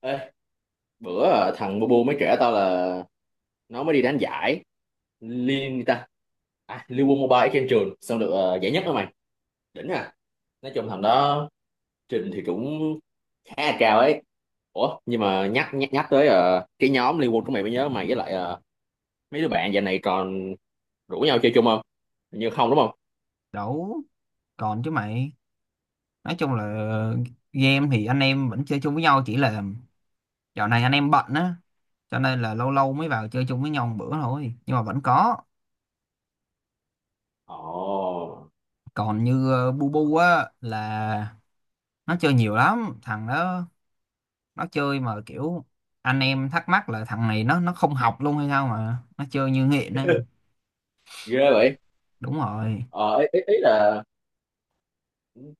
Ê, bữa thằng Bubu mới kể tao là nó mới đi đánh giải liên gì ta, à, Liên quân Mobile trên trường xong được giải nhất đó mày. Đỉnh à. Nói chung thằng đó trình thì cũng khá là cao ấy. Ủa nhưng mà nhắc nhắc, nhắc tới cái nhóm Liên quân của mày mới nhớ, mày với lại mấy đứa bạn giờ này còn rủ nhau chơi chung không? Hình như không đúng không? Đủ. Còn chứ mày. Nói chung là game thì anh em vẫn chơi chung với nhau, chỉ là dạo này anh em bận á, cho nên là lâu lâu mới vào chơi chung với nhau một bữa thôi, nhưng mà vẫn có. Ồ. Còn như bu bu á, là nó chơi nhiều lắm thằng đó. Nó chơi mà kiểu anh em thắc mắc là thằng này nó không học luôn hay sao mà nó chơi như nghiện ấy. Ghê vậy. Đúng rồi. Ý là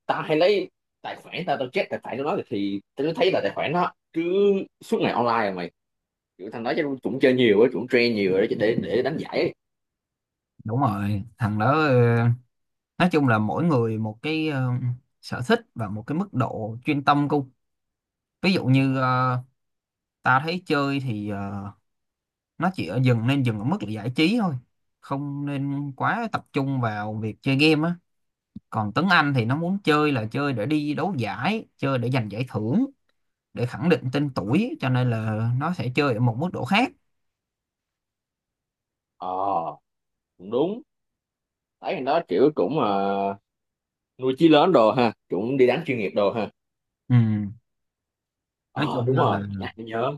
tao hay lấy tài khoản, tao tao check tài khoản của nó thì tao thấy là tài khoản nó cứ suốt ngày online mà. Kiểu thằng đó chắc cũng chơi nhiều á, cũng train nhiều rồi đó, để đánh giải ấy. Đúng rồi, thằng đó nói chung là mỗi người một cái sở thích và một cái mức độ chuyên tâm cô. Ví dụ như tao thấy chơi thì nó chỉ ở dừng nên dừng ở mức là giải trí thôi, không nên quá tập trung vào việc chơi game á. Còn Tuấn Anh thì nó muốn chơi là chơi để đi đấu giải, chơi để giành giải thưởng, để khẳng định tên tuổi, cho nên là nó sẽ chơi ở một mức độ khác. Ờ, cũng đúng. Thấy thằng đó kiểu cũng nuôi chí lớn đồ ha, cũng đi đánh chuyên nghiệp đồ ha. Ừ. Nói Ờ, chung đúng là rồi, mà nhắc mới nhớ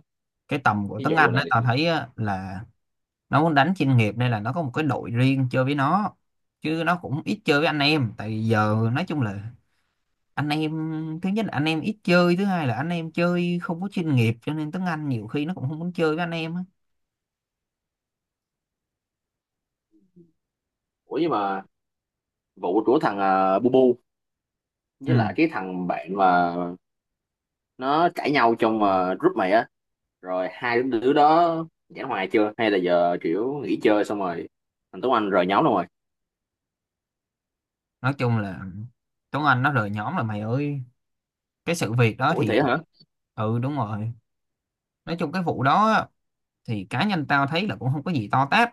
cái tầm của cái Tuấn vụ Anh á, này. tao thấy á, là nó muốn đánh chuyên nghiệp, nên là nó có một cái đội riêng chơi với nó, chứ nó cũng ít chơi với anh em. Tại vì giờ nói chung là anh em, thứ nhất là anh em ít chơi, thứ hai là anh em chơi không có chuyên nghiệp, cho nên Tuấn Anh nhiều khi nó cũng không muốn chơi với anh em á. Ủa nhưng mà vụ của thằng Bu Bu với Ừ. lại cái thằng bạn mà nó cãi nhau trong group mày á, rồi hai đứa đó giải hòa chưa hay là giờ kiểu nghỉ chơi xong rồi thằng Tuấn Anh rời nhóm luôn rồi? Nói chung là Tuấn Anh nó rời nhóm là mày ơi, cái sự việc đó Ủa thì thế hả? ừ đúng rồi. Nói chung cái vụ đó á, thì cá nhân tao thấy là cũng không có gì to tát.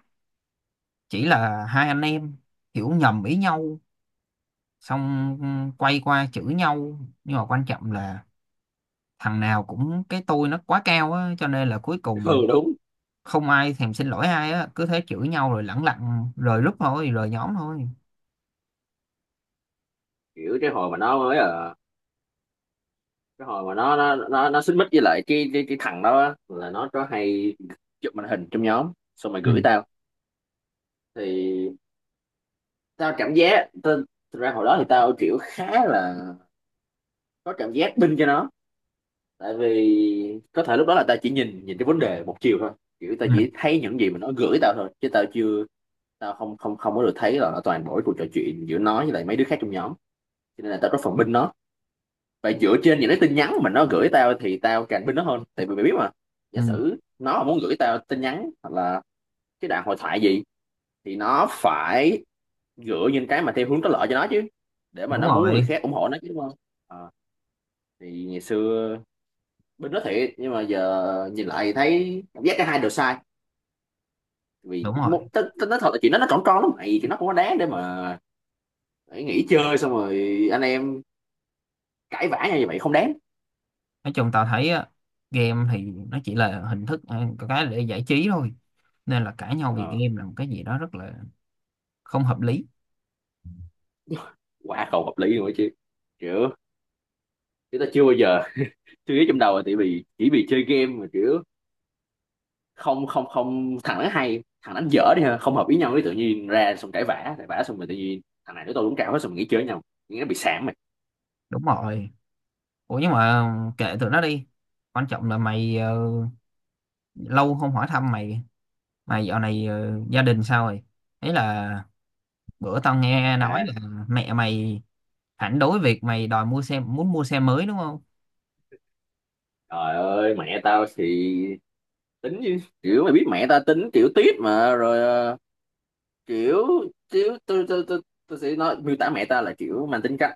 Chỉ là hai anh em hiểu nhầm ý nhau, xong quay qua chửi nhau, nhưng mà quan trọng là thằng nào cũng cái tôi nó quá cao á, cho nên là cuối cùng Ừ đúng. không ai thèm xin lỗi ai á, cứ thế chửi nhau rồi lẳng lặng rời group thôi, rời nhóm thôi. Kiểu cái hồi mà nó mới cái hồi mà nó xích mích với lại cái thằng đó á, là nó có hay chụp màn hình trong nhóm xong rồi Ừ, gửi tao. Thì tao cảm giác tao, thật ra hồi đó thì tao kiểu khá là có cảm giác binh cho nó, tại vì có thể lúc đó là tao chỉ nhìn nhìn cái vấn đề một chiều thôi. Kiểu tao ừ, chỉ thấy những gì mà nó gửi tao thôi, chứ tao chưa tao không không không có được thấy là toàn bộ cái cuộc trò chuyện giữa nó với lại mấy đứa khác trong nhóm, cho nên là tao có phần binh nó. Vậy dựa trên những cái tin nhắn mà nó gửi tao thì tao càng tin nó hơn. Tại vì mày biết mà, giả ừ. sử nó mà muốn gửi tao tin nhắn hoặc là cái đoạn hội thoại gì thì nó phải gửi những cái mà theo hướng có lợi cho nó chứ. Để mà Đúng nó muốn người rồi. khác ủng hộ nó chứ đúng không? Ờ, thì ngày xưa bên đó thiệt, nhưng mà giờ nhìn lại thì thấy cảm giác cả hai đều sai. Vì Đúng rồi. một nói thật là chuyện đó nó còn con lắm mày, thì nó không có đáng để mà phải nghỉ chơi xong rồi anh em cãi vã nhau như vậy, không đáng. Nói chung tao thấy á, game thì nó chỉ là hình thức có cái để giải trí thôi, nên là cãi nhau vì Ờ, game là một cái gì đó rất là không hợp lý. quá không hợp lý luôn ấy chứ. Kiểu chúng ta chưa bao giờ suy nghĩ trong đầu là tại vì chỉ vì chơi game mà kiểu không không không, thằng đánh hay thằng đánh dở đi ha, không hợp ý nhau cái tự nhiên ra xong cãi vã cãi vã, xong rồi tự nhiên thằng này nói tôi đúng cao hết, xong mình nghĩ chơi với nhau, nghĩ nó bị sảng mày. Đúng rồi. Ủa nhưng mà kệ tụi nó đi, quan trọng là mày lâu không hỏi thăm mày. Mày dạo này gia đình sao rồi? Ấy là bữa tao nghe nói À, là mẹ mày phản đối việc mày đòi mua xe, muốn mua xe mới đúng không? trời ơi, mẹ tao thì tính chứ. Kiểu mày biết mẹ tao tính kiểu tiết mà rồi, ờ, kiểu kiểu tôi sẽ nói miêu tả mẹ tao là kiểu mang tính cách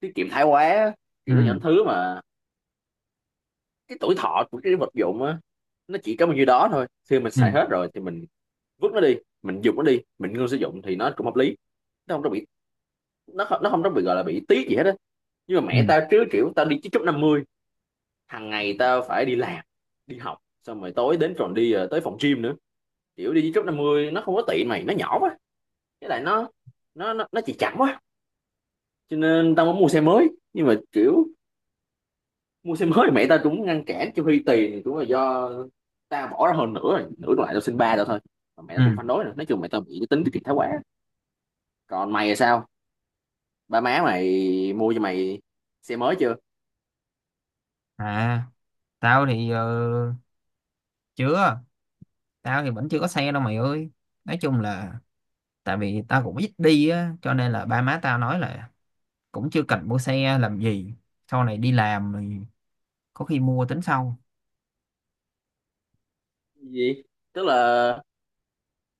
tiết kiệm thái quá. Kiểu đó, Ừ những thứ mà cái tuổi thọ của cái vật dụng á nó chỉ có bao nhiêu đó thôi, khi mình ừ xài hết rồi thì mình vứt nó đi, mình dùng nó đi mình ngưng sử dụng thì nó cũng hợp lý. Nó không có bị nó không, nó không có bị gọi là bị tiếc gì hết á. Nhưng mà ừ mẹ tao chứ, kiểu tao đi chích chút 50, hàng ngày tao phải đi làm, đi học xong rồi tối đến còn đi tới phòng gym nữa. Kiểu đi chích chút 50 nó không có tiện mày, nó nhỏ quá, với lại nó chỉ chậm quá, cho nên tao muốn mua xe mới. Nhưng mà kiểu mua xe mới thì mẹ tao cũng ngăn cản, cho Huy tiền cũng là do tao bỏ ra hơn, nữa rồi nửa còn lại tao xin ba tao thôi, mà mẹ tao cũng ừ. phản đối nữa. Nói chung mẹ tao bị cái tính tiết kiệm thái quá. Còn mày là sao, ba má mày mua cho mày xe mới chưa? À, tao thì chưa. Tao thì vẫn chưa có xe đâu mày ơi. Nói chung là tại vì tao cũng ít đi á, cho nên là ba má tao nói là cũng chưa cần mua xe làm gì, sau này đi làm thì có khi mua tính sau. Gì? Tức là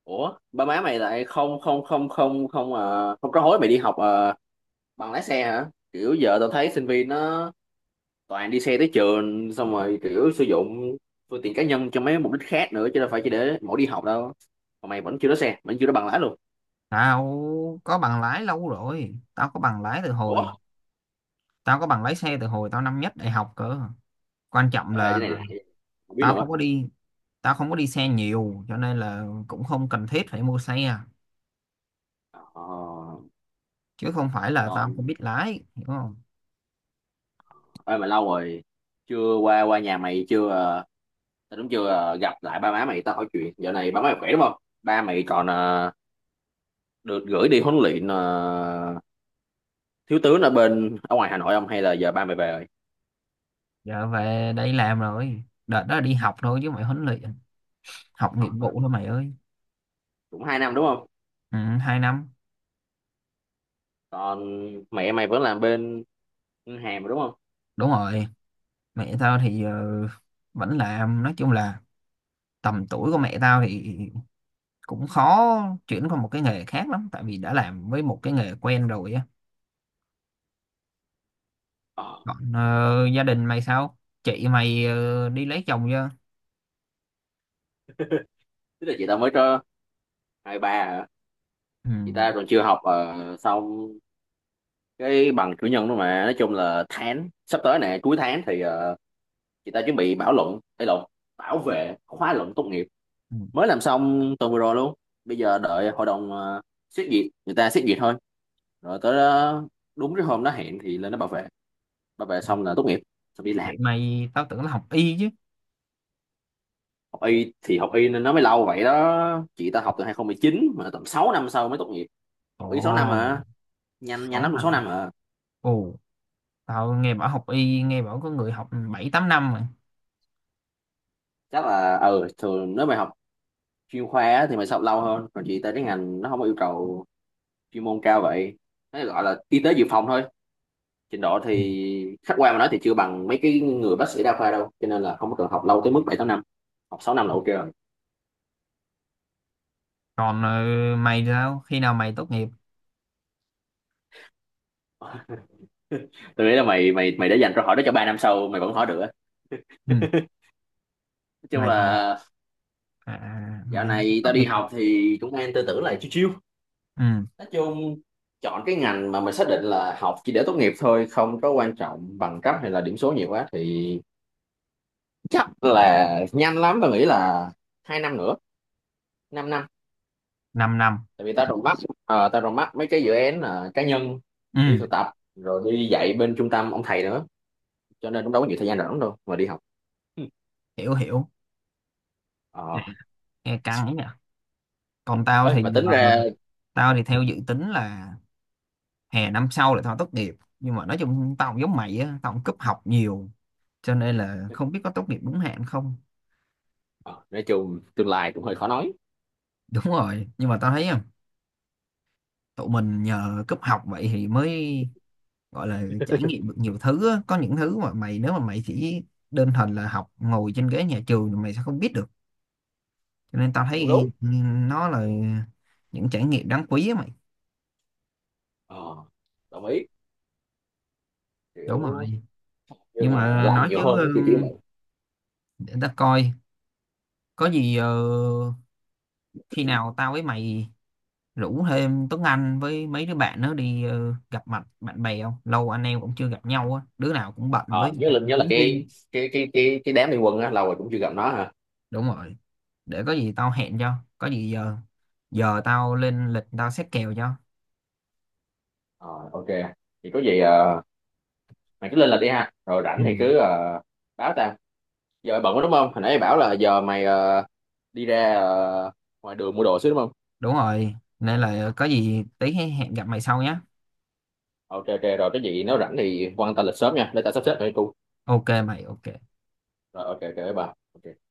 ủa ba má mày lại không không không không không không có hối mày đi học bằng lái xe hả? Kiểu giờ tao thấy sinh viên nó toàn đi xe tới trường xong rồi kiểu sử dụng phương tiện cá nhân cho mấy mục đích khác nữa chứ đâu phải chỉ để mỗi đi học đâu, mà mày vẫn chưa có xe, vẫn chưa có bằng lái luôn? Tao có bằng lái lâu rồi, Ủa? Tao có bằng lái xe từ hồi tao năm nhất đại học cơ. Quan trọng Ê, cái là này là không biết tao luôn á. không có đi tao không có đi xe nhiều, cho nên là cũng không cần thiết phải mua xe, Ờ, chứ không phải là tao còn không biết lái, hiểu không? ơi mà lâu rồi chưa qua qua nhà mày, chưa tao đúng chưa gặp lại ba má mày, tao hỏi chuyện dạo này ba má mày khỏe đúng không? Ba mày còn được gửi đi huấn luyện thiếu tướng ở bên, ở ngoài Hà Nội không, hay là giờ ba mày về rồi? Giờ về đây làm rồi, đợt đó đi học thôi chứ mày, huấn luyện học nghiệp Học hả? vụ thôi mày ơi. Cũng 2 năm đúng không? Ừ, hai năm. Còn mẹ mày vẫn làm bên ngân hàng mà đúng không? Đúng rồi. Mẹ tao thì vẫn làm. Nói chung là tầm tuổi của mẹ tao thì cũng khó chuyển qua một cái nghề khác lắm, tại vì đã làm với một cái nghề quen rồi á. ờ, Còn gia đình mày sao? Chị mày đi lấy chồng chưa? Tức là chị tao mới cho 23 hả? Ừ. Chị ta còn chưa học xong cái bằng cử nhân đó mà. Nói chung là tháng sắp tới nè, cuối tháng thì chị ta chuẩn bị bảo vệ khóa luận tốt nghiệp. Ừ. Mới làm xong tuần vừa rồi luôn. Bây giờ đợi hội đồng xét duyệt, người ta xét duyệt thôi, rồi tới đó, đúng cái hôm nó hẹn thì lên nó bảo vệ. Bảo vệ xong là tốt nghiệp, xong đi Chị làm. mày tao tưởng là học y chứ. Học y thì học y nên nó mới lâu vậy đó, chị ta học từ 2019 mà tầm 6 năm sau mới tốt nghiệp. Học y 6 năm Ồ, à? Nhanh nhanh sáu lắm cũng 6 năm. năm à. Ồ. Tao nghe bảo học y, nghe bảo có người học bảy tám năm mà. Chắc là ừ thường nếu mày học chuyên khoa á, thì mày sẽ học lâu hơn. Còn chị ta cái ngành nó không có yêu cầu chuyên môn cao vậy, nó gọi là y tế dự phòng thôi, trình độ Ừ. thì khách quan mà nói thì chưa bằng mấy cái người bác sĩ đa khoa đâu, cho nên là không có cần học lâu tới mức 7 8 năm. Học 6 năm là ok rồi. Còn mày thì sao? Khi nào mày tốt nghiệp? Tôi nghĩ là mày mày mày đã dành câu hỏi đó cho 3 năm sau mày vẫn hỏi được á. Ừ. Nói chung Mày, mày, là à, dạo mày này tốt tao đi nghiệp. học thì cũng đang tư tưởng là chiêu chiêu. Ừ. Nói chung chọn cái ngành mà mình xác định là học chỉ để tốt nghiệp thôi, không có quan trọng bằng cấp hay là điểm số nhiều quá thì chắc là nhanh lắm, tao nghĩ là 2 năm nữa, 5 năm. 5 năm. Năm. Tại vì tao còn mắt mấy cái dự án cá nhân, đi Ừ. thực tập rồi đi dạy bên trung tâm ông thầy nữa, cho nên cũng đâu có nhiều thời gian rảnh đâu mà đi học. Ừ. Hiểu, hiểu. Dạ. Ờ, Nghe căng ấy nhỉ. Còn tao ơi thì mà giờ, tính ra tao thì theo dự tính là hè năm sau là tao tốt nghiệp. Nhưng mà nói chung tao cũng giống mày á, tao cũng cúp học nhiều, cho nên là không biết có tốt nghiệp đúng hạn không. ờ, nói chung tương lai cũng hơi khó nói. Đúng rồi, nhưng mà tao thấy à, tụi mình nhờ cúp học vậy thì mới gọi là trải nghiệm được nhiều thứ á. Có những thứ mà mày, nếu mà mày chỉ đơn thuần là học ngồi trên ghế nhà trường thì mày sẽ không biết được, cho nên tao Đúng thấy đúng. ừ, nó là những trải nghiệm đáng quý á mày. Ờ, đồng ý. Đúng Kiểu rồi. Nhưng nhưng mà mà làm nói chứ nhiều ừ, hơn thì tiếng vậy. để ta coi có gì khi nào tao với mày rủ thêm Tuấn Anh với mấy đứa bạn nữa đi gặp mặt bạn bè, không lâu anh em cũng chưa gặp nhau á, đứa nào cũng bận Ờ, với nhớ là hướng cái riêng. cái cái cái cái đám liên quân á lâu rồi cũng chưa gặp nó ha. Đúng rồi, để có gì tao hẹn cho, có gì giờ giờ tao lên lịch tao xét kèo cho. Ờ, ok. Thì có gì mày cứ lên là đi ha, rồi rảnh Ừ. thì cứ báo tao. Giờ mày bận quá đúng không? Hồi nãy mày bảo là giờ mày đi ra ngoài đường mua đồ xíu đúng không? Đúng rồi, nên là có gì tí hẹn gặp mày sau nhé. Ok ok rồi, cái gì nếu rảnh thì quan tâm lịch sớm nha, để tao sắp xếp cho cô. Ok mày, ok. Rồi ok ok bye bye. Ok.